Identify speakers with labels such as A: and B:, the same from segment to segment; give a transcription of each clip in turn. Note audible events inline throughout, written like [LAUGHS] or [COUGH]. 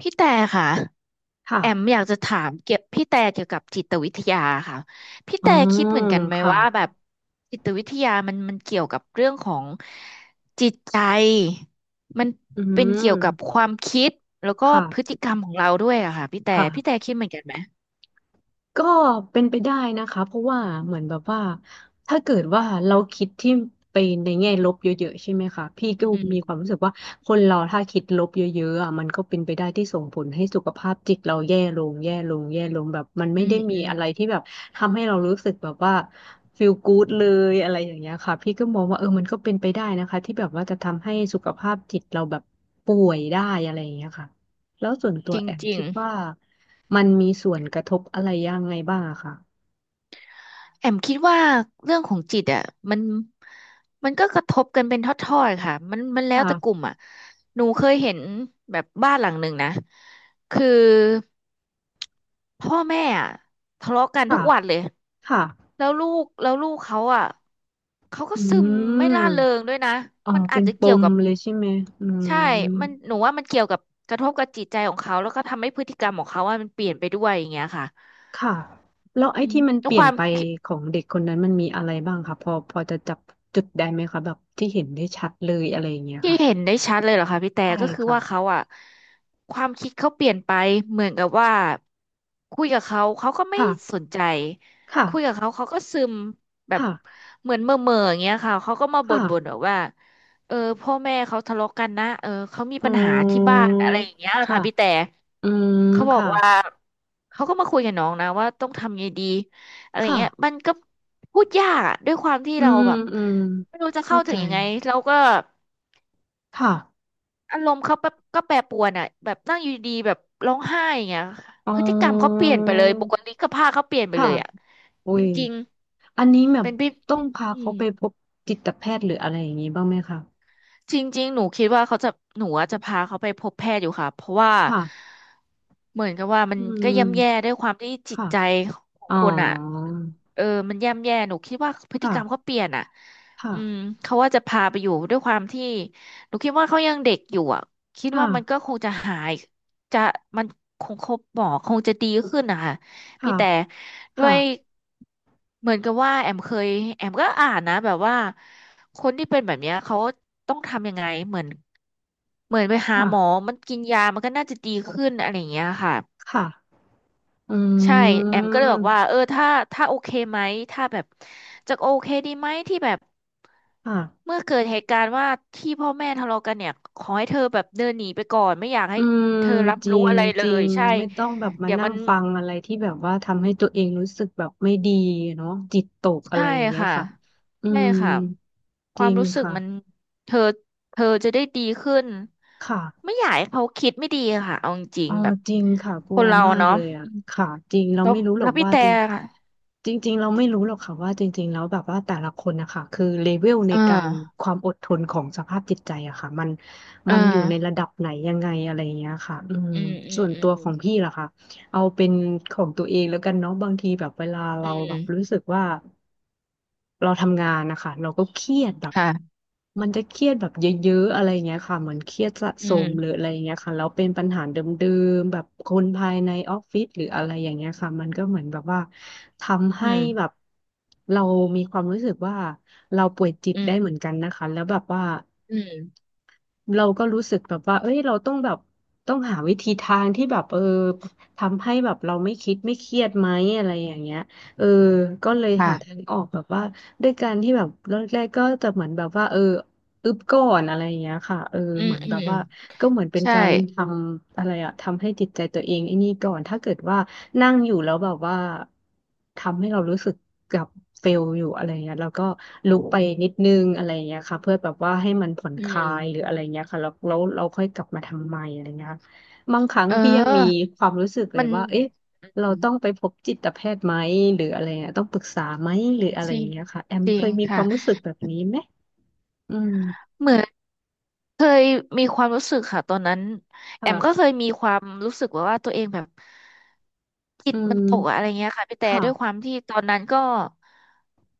A: พี่แต่ค่ะแอม
B: ค่ะ
A: อยากจะถามเกี่ยวพี่แต่เกี่ยวกับจิตวิทยาค่ะพี่
B: อ๋อ
A: แต่คิดเหมือนกันไหม
B: ค่ะ
A: ว่าแบบจิตวิทยามันเกี่ยวกับเรื่องของจิตใจมัน
B: อื
A: เป็นเกี่ยวกับค
B: ม
A: วามคิดแล้วก็พฤ
B: ค่ะ
A: ติกรรมของเราด้วยอะค่ะพี่แต่พี่แต่
B: ค่ะ
A: คิดเหมือนกันไหม
B: ก็เป็นไปได้นะคะเพราะว่าเหมือนแบบว่าถ้าเกิดว่าเราคิดที่ไปในแง่ลบเยอะๆใช่ไหมคะพี่ก็
A: อืม
B: มีความรู้สึกว่าคนเราถ้าคิดลบเยอะๆอ่ะมันก็เป็นไปได้ที่ส่งผลให้สุขภาพจิตเราแย่ลงแย่ลงแย่ลงแบบมันไม่
A: อื
B: ได้
A: ม
B: มี
A: อืม
B: อะไรที่แบบทำให้เรารู้สึกแบบว่าฟีลกู๊ดเลยอะไรอย่างเงี้ยค่ะพี่ก็มองว่าเออมันก็เป็นไปได้นะคะที่แบบว่าจะทำให้สุขภาพจิตเราแบบป่วยได้อะไรอย่างเงี้ยค่ะแล้วส่วนตั
A: จ
B: ว
A: ริง
B: แอม
A: จริ
B: คิ
A: ง
B: ดว่า มันมีส่วนกระทบอะไรยังไงบ้างอะค่ะ
A: แอมคิดว่าเรื่องของจิตอ่ะมันก็กระทบกันเป็นทอดๆค่ะมันแล้วแต่ก
B: ค่ะ
A: ลุ่มอ่ะหนูเคยเห็นแบบบ้านหลังหนึ่งนะคือพ่อแม่อ่ะทะเลาะกันทุ
B: ค่ะ
A: กวันเลย
B: ค่ะ
A: แล้วลูกเขาอ่ะเขาก็
B: อื
A: ซึมไม่ร่าเริง
B: ม
A: ด้วยนะ
B: อ๋อ
A: มันอา
B: เป็
A: จ
B: น
A: จะ
B: ป
A: เกี่ยว
B: ม
A: กับ
B: เลยใช่ไหมอืม
A: ใช่มันหนูว่ามันเกี่ยวกับกระทบกับจิตใจของเขาแล้วก็ทำให้พฤติกรรมของเขาว่ามันเปลี่ยนไปด้วยอย่างเงี้ยค่ะ
B: ค่ะ แล้วไอ้
A: อืม
B: ที่มัน
A: แล้
B: เป
A: ว
B: ลี่
A: ค
B: ยน
A: วาม
B: ไปของเด็กคนนั้นมันมีอะไรบ้างคะพอจะจับจุดได้ไหมคะแบบที่เห็นได้ชัดเลยอะไรอย่างเงี้ย
A: ที่
B: ค่ะ
A: เห็นได้ชัดเลยเหรอคะพี่แต่
B: ใช่
A: ก็คือ
B: ค่ะ
A: ว่าเขาอะความคิดเขาเปลี่ยนไปเหมือนกับว่าคุยกับเขาเขาก็ไม่
B: ค่ะ
A: สนใจ
B: ค่ะ
A: คุยกับเขาเขาก็ซึมแบบ
B: ค่ะ
A: เหมือนเม่อเม่ออย่างเงี้ยค่ะเขาก็มาบ่
B: ค่ะ
A: นบ่นแบบว่าเออพ่อแม่เขาทะเลาะกันนะเออเขามี
B: อื
A: ปัญหาที่บ้าน
B: ม
A: อะไรอย่างเงี้ย
B: ค่ะ
A: ค่ะพี่แต่
B: อืม
A: เขาบอก
B: ค่ะ
A: ว่าเขาก็มาคุยกับน้องนะว่าต้องทำไงดีอะไร
B: ค่ะ
A: เงี้ยมันก็พูดยากอะด้วยความที่
B: อื
A: เรา
B: ม
A: แบบ
B: อืม
A: ไม่รู้จะ
B: เข้า
A: เข้าถึ
B: ใจ
A: งยังไงเราก็
B: ค่ะ
A: อารมณ์เขาแบบก็แปรปรวนอ่ะแบบนั่งอยู่ดีๆแบบร้องไห้อย่างเงี้ย
B: อ๋อ
A: พฤติกรรมเขาเปลี่ยนไปเลยบุคลิกภาพเขาเปลี่ยนไป
B: ค่ะ
A: เลยอ่ะ
B: อุ้
A: จ
B: ย
A: ริง
B: อันนี้แบ
A: ๆ
B: บ
A: เป็นพี่
B: ต้องพา
A: อื
B: เขา
A: ม
B: ไปพบจิตแพทย์หรืออะไรอย่างนี้บ้างไหมคะ
A: จริงๆหนูคิดว่าเขาจะหนูอะจะพาเขาไปพบแพทย์อยู่ค่ะเพราะว่า
B: ค่ะ
A: เหมือนกับว่ามั
B: อื
A: นก็ย่ำแย่
B: ม
A: ด้วยความที่จิต
B: ค่ะ
A: ใจของ
B: อ๋อ
A: คนอ่ะเออมันย่ำแย่หนูคิดว่าพฤติ
B: ค่ะ
A: กรรมเขาเปลี่ยนอ่ะอืม
B: ค่ะ
A: เขาว่าจะพาไปอยู่ด้วยความที่หนูคิดว่าเขายังเด็กอยู่อ่ะคิด
B: ค่ะ
A: ว่ามันก็คงจะหายจะมันคงครบหมอคงจะดีขึ้นนะคะพี่
B: ค่ะ
A: แต่ด้ว
B: ค่ะ
A: ยเหมือนกับว่าแอมเคยแอมก็อ่านนะแบบว่า คนที่เป็นแบบเนี้ยเขาต้องทำยังไงเหมือนเหมือนไปหา
B: ค่ะ
A: หมอมันกินยามันก็น่าจะดีขึ้นอะไรอย่างเงี้ยค่ะ
B: ค่ะอื
A: ใช่แอมก็เลยบอกว่าเอ
B: ม
A: อถ้าโอเคไหมถ้าแบบจะโอเคดีไหมที่แบบ
B: ค่ะ
A: เมื่อเกิดเหตุการณ์ว่าที่พ่อแม่ทะเลาะกันเนี่ยขอให้เธอแบบเดินหนีไปก่อนไม่อยากให้
B: อืม
A: เธอรับ
B: จริ
A: รู้
B: ง
A: อะไรเล
B: จริ
A: ย
B: ง
A: ใช่
B: ไม่ต้องแบบมา
A: เดี๋ยว
B: นั่
A: มั
B: ง
A: น
B: ฟังอะไรที่แบบว่าทำให้ตัวเองรู้สึกแบบไม่ดีเนาะจิตตกอะ
A: ใช่
B: ไรอย่างเงี้ย
A: ค่ะ
B: ค่ะอื
A: ใช่
B: ม
A: ค่ะค
B: จ
A: วา
B: ริ
A: ม
B: ง
A: รู้สึก
B: ค่ะ
A: มันเธอเธอจะได้ดีขึ้น
B: ค่ะ
A: ไม่อยากให้เขาคิดไม่ดีค่ะเอาจริ
B: เอ
A: ง
B: อ
A: ๆแบบ
B: จริงค่ะก
A: ค
B: ลัว
A: นเรา
B: มาก
A: เนาะ
B: เลยอ่ะ
A: อืม
B: ค่ะจริงเรา
A: แล้ว
B: ไม่รู้หร
A: แล้
B: อ
A: ว
B: ก
A: พี่
B: ว่า
A: แต่
B: จริง
A: ค่ะ
B: จริงๆเราไม่รู้หรอกค่ะว่าจริงๆแล้วแบบว่าแต่ละคนนะคะคือเลเวลใน
A: เอ
B: การ
A: อ
B: ความอดทนของสภาพจิตใจอะค่ะมัน
A: เออ
B: มันอยู่ในระดับไหนยังไงอะไรอย่างเงี้ยค่ะอืม
A: อืมอื
B: ส่
A: ม
B: วนตัว
A: อื
B: ขอ
A: ม
B: งพี่ล่ะค่ะเอาเป็นของตัวเองแล้วกันเนาะบางทีแบบเวลาเรา
A: อื
B: แบ
A: ม
B: บรู้สึกว่า เราทำงานนะคะเราก็เครียดแบบ
A: ค่ะ
B: มันจะเครียดแบบเยอะๆอะไรเงี้ยค่ะเหมือนเครียดสะ
A: อื
B: สมหรือ
A: ม
B: อะไรเงี้ยค่ะแล้วเป็นปัญหาเดิมๆแบบคนภายในออฟฟิศหรืออะไรอย่างเงี้ยค่ะมันก็เหมือนแบบว่าทำ
A: อื
B: ให้แบบ
A: ม
B: เรามีความรู้สึกว่าเราป่วยจิต
A: อื
B: ได้
A: ม
B: เหมือนกันนะคะแล้วแบบว่า
A: อืม
B: เราก็รู้สึกแบบว่าเอ้ยเราต้องแบบต้องหาวิธีทางที่แบบเออทำให้แบบเราไม่คิดไม่เครียดไหมอะไรอย่างเงี้ยเออก็เลยหาทา
A: ค่ะ
B: งออกแบบว่าด้วยการที่แบบแรกๆก็จะเหมือนแบบว่าเอออึบก่อนอะไรอย่างเงี้ยค่ะเออ
A: อื
B: เห
A: ม
B: มือน
A: อื
B: แบบ
A: ม
B: ว่าก็เหมือนเป็น
A: ใช่
B: การทำอะไรอะทำให้จิตใจตัวเองไอ้นี่ก่อนถ้าเกิดว่า นั่งอยู่แล้วแบบว่าทำให้เรารู้สึกกับเฟลอยู่อะไรเงี้ยแล้วก็ลุกไปนิดนึงอะไรเงี้ยค่ะเพื่อแบบว่าให้มันผ่อน
A: อื
B: คลา
A: ม
B: ยหรืออะไรเงี้ยค่ะแล้วเราค่อยกลับมาทำใหม่อะไรเงี้ยค่ะบางครั้ง
A: เอ
B: ที่ยังมี
A: อ
B: ความรู้สึกเล
A: มั
B: ย
A: น
B: ว่าเอ๊ะเราต้องไปพบจิตแพทย์ไหมหรืออะไรเงี้ยต้องปรึกษาไหมหรืออะไร
A: จริง
B: เงี้ยค่ะแอม
A: จริ
B: เค
A: ง
B: ยมีค
A: ค่ะ
B: วามรู้สึกแบบนี้ไหมอืม
A: เหมือน เคยมีความรู้สึกค่ะตอนนั้นแอมก็เค
B: ค่ะ
A: ยมีความรู้สึกแบบว่าตัวเองแบบจิ
B: อื
A: ตมันตกอะอะไร
B: ม
A: เงี้ยค่ะพี่แต่
B: ค่ะ
A: ด้วยความที่ตอนนั้นก็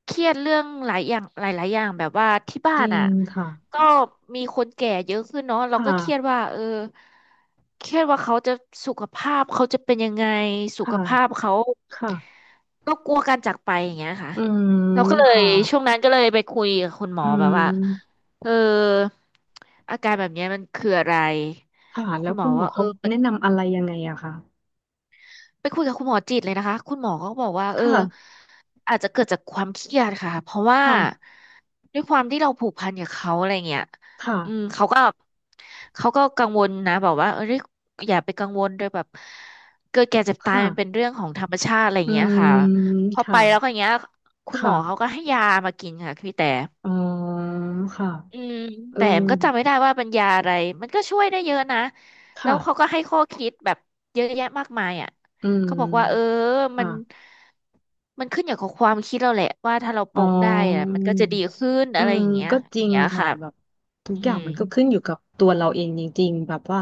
A: เครียดเรื่องหลายอย่างหลายๆอย่างแบบว่าที่บ้า
B: จ
A: น
B: ริ
A: อ่ะ
B: งค่ะ
A: ก็มีคนแก่เยอะขึ้นเนาะเรา
B: ค่
A: ก็เครียด
B: ะ
A: ว่าเออเครียดว่าเขาจะสุขภาพเขาจะเป็นยังไงสุ
B: ค่ะ
A: ขภาพเขา
B: ค่ะ
A: ก็กลัวการจากไปอย่างเงี้ยค่ะ
B: อืม
A: เราก็เลย
B: ค่ะ
A: ช่วงนั้นก็เลยไปคุยกับคุณหม
B: อื
A: อแบบว่า
B: ม
A: เอออาการแบบเนี้ยมันคืออะไร
B: ค่ะแล้
A: คุ
B: ว
A: ณหม
B: คุ
A: อ
B: ณหมอ
A: ว่าเอ
B: เขา
A: อไป
B: แนะนำอะไรยังไงอะคะ
A: ไปคุยกับคุณหมอจิตเลยนะคะคุณหมอก็บอกว่า
B: ค
A: เออ
B: ่ะ
A: อาจจะเกิดจากความเครียดค่ะเพราะว่า
B: ค่ะ
A: ด้วยความที่เราผูกพันกับเขาอะไรเงี้ย
B: ค่ะ
A: อืมเขาก็กังวลนะบอกว่าเอออย่าไปกังวลโดยแบบเกิดแก่เจ็บตายมันเป็น
B: ค่ะ
A: เรื่องของธรรมชาติอะไร
B: อื
A: เงี้ยค่ะ
B: ม
A: พอไป
B: ค่ะ
A: แล้วก็อย่างเงี้ยคุณหมอเขา
B: ค่ะ
A: ก็ให้ยามากินค่ะพี่แต่
B: อ๋อค่ะ
A: อืม
B: เออ
A: แต่มันก็จำไม่ได้ว่าเป็นยาอะไรมันก็ช่วยได้เยอะนะแล้วเขา
B: ค่ะ
A: ก็ให้ข้อคิดแบบเยอะแยะมากมายอ่ะ
B: อื
A: เขาบอกว่าเออ
B: ม
A: มัน
B: ค่ะ
A: มันขึ้นอยู่กับความคิดเราแหละว่าถ้าเราป
B: อ๋อ
A: ลงได้อ่ะมันก็จะดีขึ้น
B: อื
A: อะไร
B: ม
A: อย่างเงี้ย
B: ก็จ
A: อย่า
B: ริ
A: ง
B: ง
A: เงี้ย
B: ค่ะ
A: ค่ะ
B: แบบทุก
A: อื
B: อย่าง
A: ม
B: มันก็ขึ้นอยู่กับตัวเราเองจริงๆแบบว่า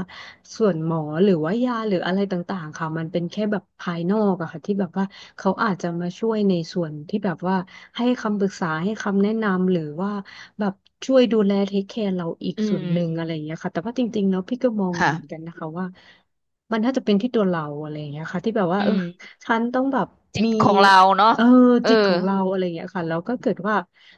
B: ส่วนหมอหรือว่ายาหรืออะไรต่างๆค่ะมันเป็นแค่แบบภายนอกอะค่ะที่แบบว่าเขาอาจจะมาช่วยในส่วนที่แบบว่าให้คำปรึกษาให้คำแนะนำหรือว่าแบบช่วยดูแลเทคแคร์เราอีก
A: อื
B: ส่วนหนึ่งอะไร
A: ม
B: อย่างเงี้ยค่ะแต่ว่าจริงๆแล้วพี่ก็มองเหมือนกัน
A: ค่ะ
B: นะคะว่ามันน่าจะเป็นที่ตัวเราอะไรอย่างเงี้ยค่ะที่แบบว่า
A: อื
B: เออ
A: ม
B: ฉันต้องแบบ
A: จิต
B: มี
A: ของเราเนาะ
B: เออ
A: เอ
B: จิตข
A: อ
B: องเราอะไรอย่างเงี้ยค่ะแล้วก็เกิดว่า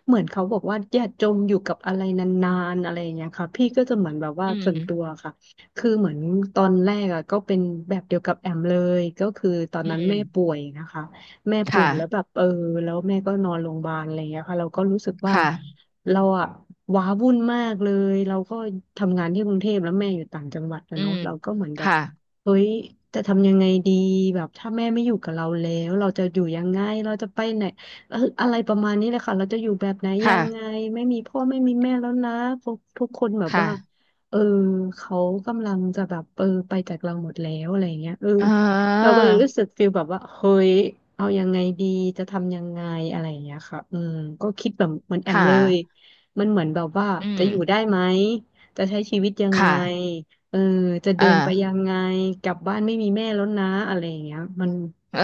B: เหมือนเขาบอกว่าอย่าจมอยู่กับอะไรนานๆอะไรอย่างเงี้ยค่ะพี่ก็จะเหมือนแบบว่า
A: อืม
B: ส่วนตัวค่ะคือเหมือนตอนแรกอ่ะก็เป็นแบบเดียวกับแอมเลยก็คือตอน
A: อื
B: นั้นแม่ป่
A: ม
B: วยนะคะแม่
A: ค
B: ป่วยแล้วแบบ
A: ่ะ
B: เออแล้วแม่ก็นอนโรงพยาบาลอะไรอย่างเงี้ยค่ะเราก็รู้สึกว่า
A: ค่ะ
B: เราอ่ะว้าวุ่นมากเลยเราก็ทำงานที่กรุงเทพแล้วแม่อยู่ต่างจังหวัดนะ
A: อื
B: เนาะ
A: ม
B: เราก็เหมือนแบบ
A: ค่ะ
B: เฮ้ย จะทำยังไงดีแบบถ้าแม่ไม่อยู่กับเราแล้วเราจะอยู่ยังไงเราจะไปไหนอะไรประมาณนี้เลยค่ะเราจะอยู่แบบไหนยั
A: ค่ะ
B: งไงไม่มีพ่อไม่มีแม่แล้วนะทุกคนแบบ
A: ค่ะ
B: ว่าเออเขากำลังจะแบบไปจากเราหมดแล้วอะไรอย่างเงี้ย
A: เอ
B: เรา
A: อ
B: ก็เลยรู้สึกฟีลแบบว่าเฮ้ยเอายังไงดีจะทำยังไงอะไรอย่างเงี้ยค่ะอืมก็คิดแบบเหมือนแอม
A: ค่ะ
B: เลยมันเหมือนแบบว่า
A: อื
B: จะ
A: ม
B: อยู่ได้ไหมจะใช้ชีวิตยังไง
A: ค่ะ
B: เออจะ
A: เออ
B: เดินไปยังไงกลับบ้านไม่มีแม่แล้วนะอะไรอย่างเงี้ย
A: เออ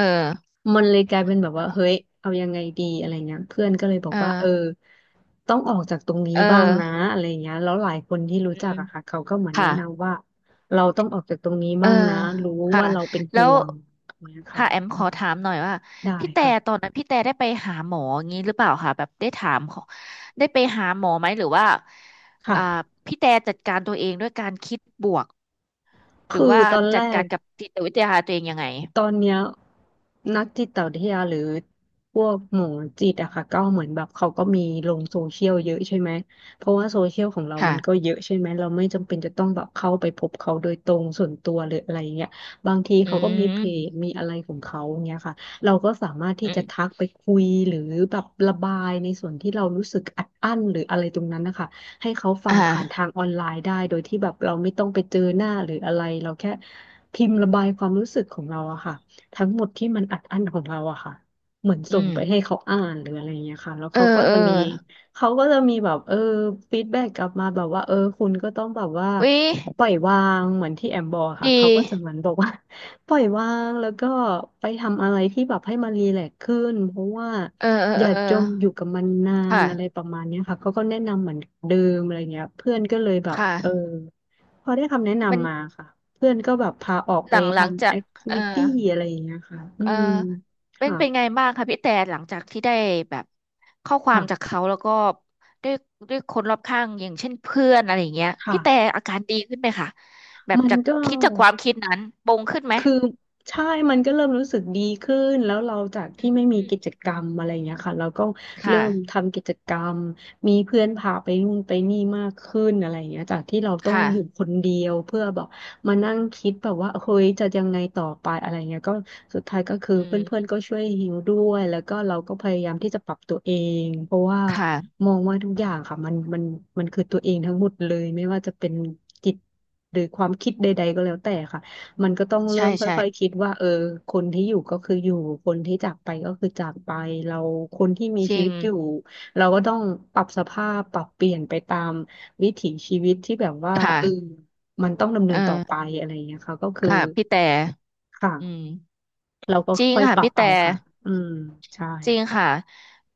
B: มันเลยกลายเป็นแบบว่าเฮ้ยเอายังไงดีอะไรเงี้ยเพื่อนก็เลยบอก
A: เอ
B: ว่า
A: อ
B: ต้องออกจากตรงนี้
A: เ
B: บ้างนะ
A: ออ
B: อะไรเงี้ยแล้วหลายคนที่รู้
A: อื
B: จั
A: ม
B: กอะค่ะเขาก็เหมือน
A: ค่ะ
B: แนะนำว่าเราต้องออกจากตรงนี้
A: เออ
B: บ้างนะรู้
A: ค่ะ
B: ว่าเราเป็น
A: แล้
B: ห่
A: ว
B: วงอย่างเงี้ยค่ะ
A: ค่ะแอมข
B: อื
A: อ
B: ม
A: ถามหน่อยว่า
B: ได้
A: พี่แต่ต
B: ค่ะ
A: อนนั้นพี่แต่ได้ไปหาหมออย่างนี้หรือเปล่าคะแบบได้ถามเขาได้ไปหาหมอไหมหรือว่าอ่า
B: ค่ะ
A: พี่แต่จัดการตัวเองด้วยการคิดบวกหรื
B: คื
A: อ
B: อ
A: ว่า
B: ตอนแร
A: จัดกา
B: ก
A: รกับจิตวิทยาตัวเองยังไง
B: ตอนเนี้ยนักจิตวิทยาหรือพวกหมอจิตอะค่ะก็เหมือนแบบเขาก็มีลงโซเชียลเยอะใช่ไหมเพราะว่าโซเชียลของเรามันก็
A: ค่ะ
B: เยอะใช่ไหมเราไม่จำเป็นจะต้องแบบเข้าไปพบเขาโดยตรงส่วนตัวหรืออะไรเงี้ยบางที
A: อื
B: เขาก็มีเพจ
A: ม
B: มีอะไรของเขาเงี้ยค่ะเราก็สามารถที่
A: อื
B: จะ
A: ม
B: ทักไปคุยหรือแบบระบายในส่วนที่เรารู้สึกอัดอั้นหรืออะไรตรงนั้นนะคะ ให้เขาฟัง
A: อ่า
B: ผ่านทางออนไลน์ได้โดยที่แบบเราไม่ต้องไปเจอหน้าหรืออะไรเราแค่พิมพ์ระบายความรู้สึกของเราอะค่ะทั้งหมดที่มันอัดอั้นของเราอะค่ะเหมือน
A: อื
B: ส่ง
A: ม
B: ไปให้เขาอ่านหรืออะไรอย่างเงี้ยค่ะแล้ว
A: เออ
B: เขาก็
A: เออ
B: จะมีแบบฟีดแบ็กกลับมาแบบว่าเออคุณก็ต้องแบบว่า
A: วิ
B: ปล่อยวางเหมือนที่แอมบอกค่ะ
A: ดี
B: เขาก็จะเหมือนบอกว่า ปล่อยวางแล้วก็ไปทำอะไรที่แบบให้มันรีแลกซ์ขึ้นเพราะว่า
A: เออเออ
B: อย่า
A: เออ
B: จมอยู่กับมันนาน
A: ค่ะ
B: อะไรประมาณเนี้ยค่ะเขาก็แนะนำเหมือนเดิมอะไรเงี้ยเพื่อนก็เลยแบบ
A: ค่ะ
B: พอได้คำแนะ
A: มัน
B: นำมาค่ะเพื่อนก็แบบพาออก
A: ห
B: ไป
A: ลังหลัง
B: ทำ
A: จา
B: แอ
A: ก
B: คทิ
A: เออ
B: วิตี้อะไรอย่างเงี้ยค่ะอื
A: เออ
B: ม
A: เป็น
B: ค่ะ
A: เป็นไงบ้างคะพี่แต่หลังจากที่ได้แบบข้อความจาก
B: ค่ะ
A: เขาแล้วก็ด้วยด้วยคนรอบข้างอย่างเช่นเพื่อนอะไรอย่างเงี้ย
B: ค่ะ
A: พี่แต่อาการดีขึ้นไหมคะแบบ
B: มัน
A: จาก
B: ก็
A: คิดจากความคิดนั้นปรงขึ้นไหม
B: คือใช่ มันก็เริ่มรู้สึกดีขึ้นแล้วเราจาก
A: อื
B: ที่
A: ม
B: ไม่มี
A: อืม
B: กิจกรรมอะไรเงี้ยค่ะเราก็เริ่
A: ค่ะ
B: มทำกิจกรรมมีเพื่อนพาไปนู่นไปนี่มากขึ้นอะไรเงี้ยจากที่เราต้อง
A: ค่ะ
B: อยู่คนเดียวเพื่อแบบมานั่งคิดแบบว่าเฮ้ยจะยังไงต่อไปอะไรเงี้ยก็สุดท้ายก็คือ
A: อื
B: เพื่อน
A: ม
B: ๆก็ช่วยฮิวด้วย แล้วก็เราก็พยายามที่จะปรับตัวเองเพราะว่า
A: ค่ะ
B: มองว่าทุกอย่างค่ะมันมันคือตัวเองทั้งหมดเลยไม่ว่าจะเป็นจิตหรือความคิดใดๆก็แล้วแต่ค่ะ มันก็ต้องเริ่
A: ใช่
B: ม
A: ใช่
B: ค่อยๆคิดว่าเออคนที่อยู่ก็คืออยู่คนที่จากไปก็คือจากไปเราคนที่มี
A: จ
B: ชี
A: ริ
B: วิ
A: ง
B: ตอยู่เราก็ต้องปรับสภาพปรับเปลี่ยนไปตามวิถีชีวิตที่แบบว่าเออ
A: ค่ะ
B: มันต้องดำเนิ
A: เอ
B: นต่อ
A: อ
B: ไปอะไรอย่างเงี้ยค่ะก็คือ
A: ค่ะพี่แต่
B: ค่ะ
A: อืม
B: เราก็
A: จริง
B: ค่อย
A: ค่ะ
B: ปรับ
A: พี่แต่
B: เอาค่ะอืมใช่
A: จริงค่ะ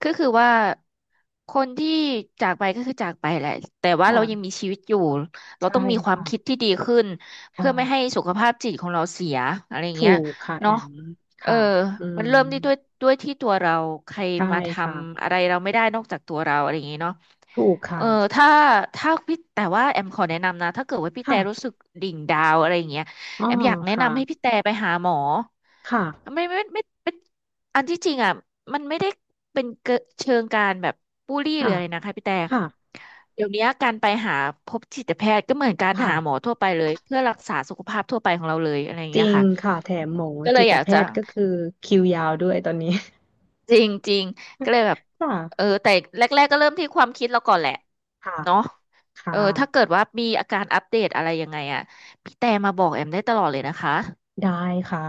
A: ก็คือว่าคนที่จากไปก็คือจากไปแหละแต่ว่าเรา
B: ค่ะ
A: ยังมีชีวิตอยู่เราต้
B: ใช่
A: องมีความ
B: ค่ะ
A: คิดที่ดีขึ้นเพื่อไม่ให้
B: ค่ะ
A: สุขภาพจิตของเราเสียอะไรเงี้
B: ถู
A: ย
B: กค่ะแอ
A: เนาะ
B: ม
A: เออ
B: ค่ะอื
A: มัน
B: ม
A: เริ่มที่ด้วยที่ตัวเราใคร
B: ใช่
A: มาท
B: ค่ะ
A: ำอะไรเราไม่ได้นอกจากตัวเราอะไรอย่างงี้เนาะ
B: ถูก
A: เอ
B: ค่ะ
A: อถ้าถ้าพี่แต่ว่าแอมขอแนะนำนะถ้าเกิดว่าพี่แต่รู้
B: ค่ะ
A: สึกดิ่งดาวอะไรอย่างเงี้ย
B: อ๋อ
A: แอมอยากแนะ
B: ค่ะ
A: นำให้พี่แต่ไปหาหมอ
B: ค่ะ
A: ไม่ไม่ไม่ไม่ อันที่จริงอ่ะมันไม่ได้เป็นเกเชิงการแบบบูลลี่หรื
B: ค่ะ
A: ออะไรนะคะพี่แต่
B: ค่ะ
A: เดี๋ยวนี้การไปหาพบจิตแพทย์ก็เหมือนการ
B: ค่ะ
A: หาหมอทั่วไปเลยเพื่อรักษาสุขภาพทั่วไปของเราเลยอะไรอย่าง
B: จ
A: เงี้
B: ริ
A: ย
B: ง
A: ค่ะ
B: ค่ะแถมหมอ
A: ก็เล
B: จิ
A: ย
B: ต
A: อยาก
B: แพ
A: จะ
B: ทย์ก็คือคิวยาวด้วยตอนนี้
A: จริงจริงก็เลยแบบ
B: [LAUGHS] ค
A: เออ
B: ่ะ
A: แต่แรกๆก็เริ่มที่ความคิดเราก่อนแหละ
B: ค่ะ
A: เนาะ
B: ค่ะ
A: เออถ้าเกิดว่ามีอาการอัปเดตอะไรยังไงอ่ะพี่แต่มาบอกแอมได้ตลอดเลยนะคะ
B: ได้ค่ะ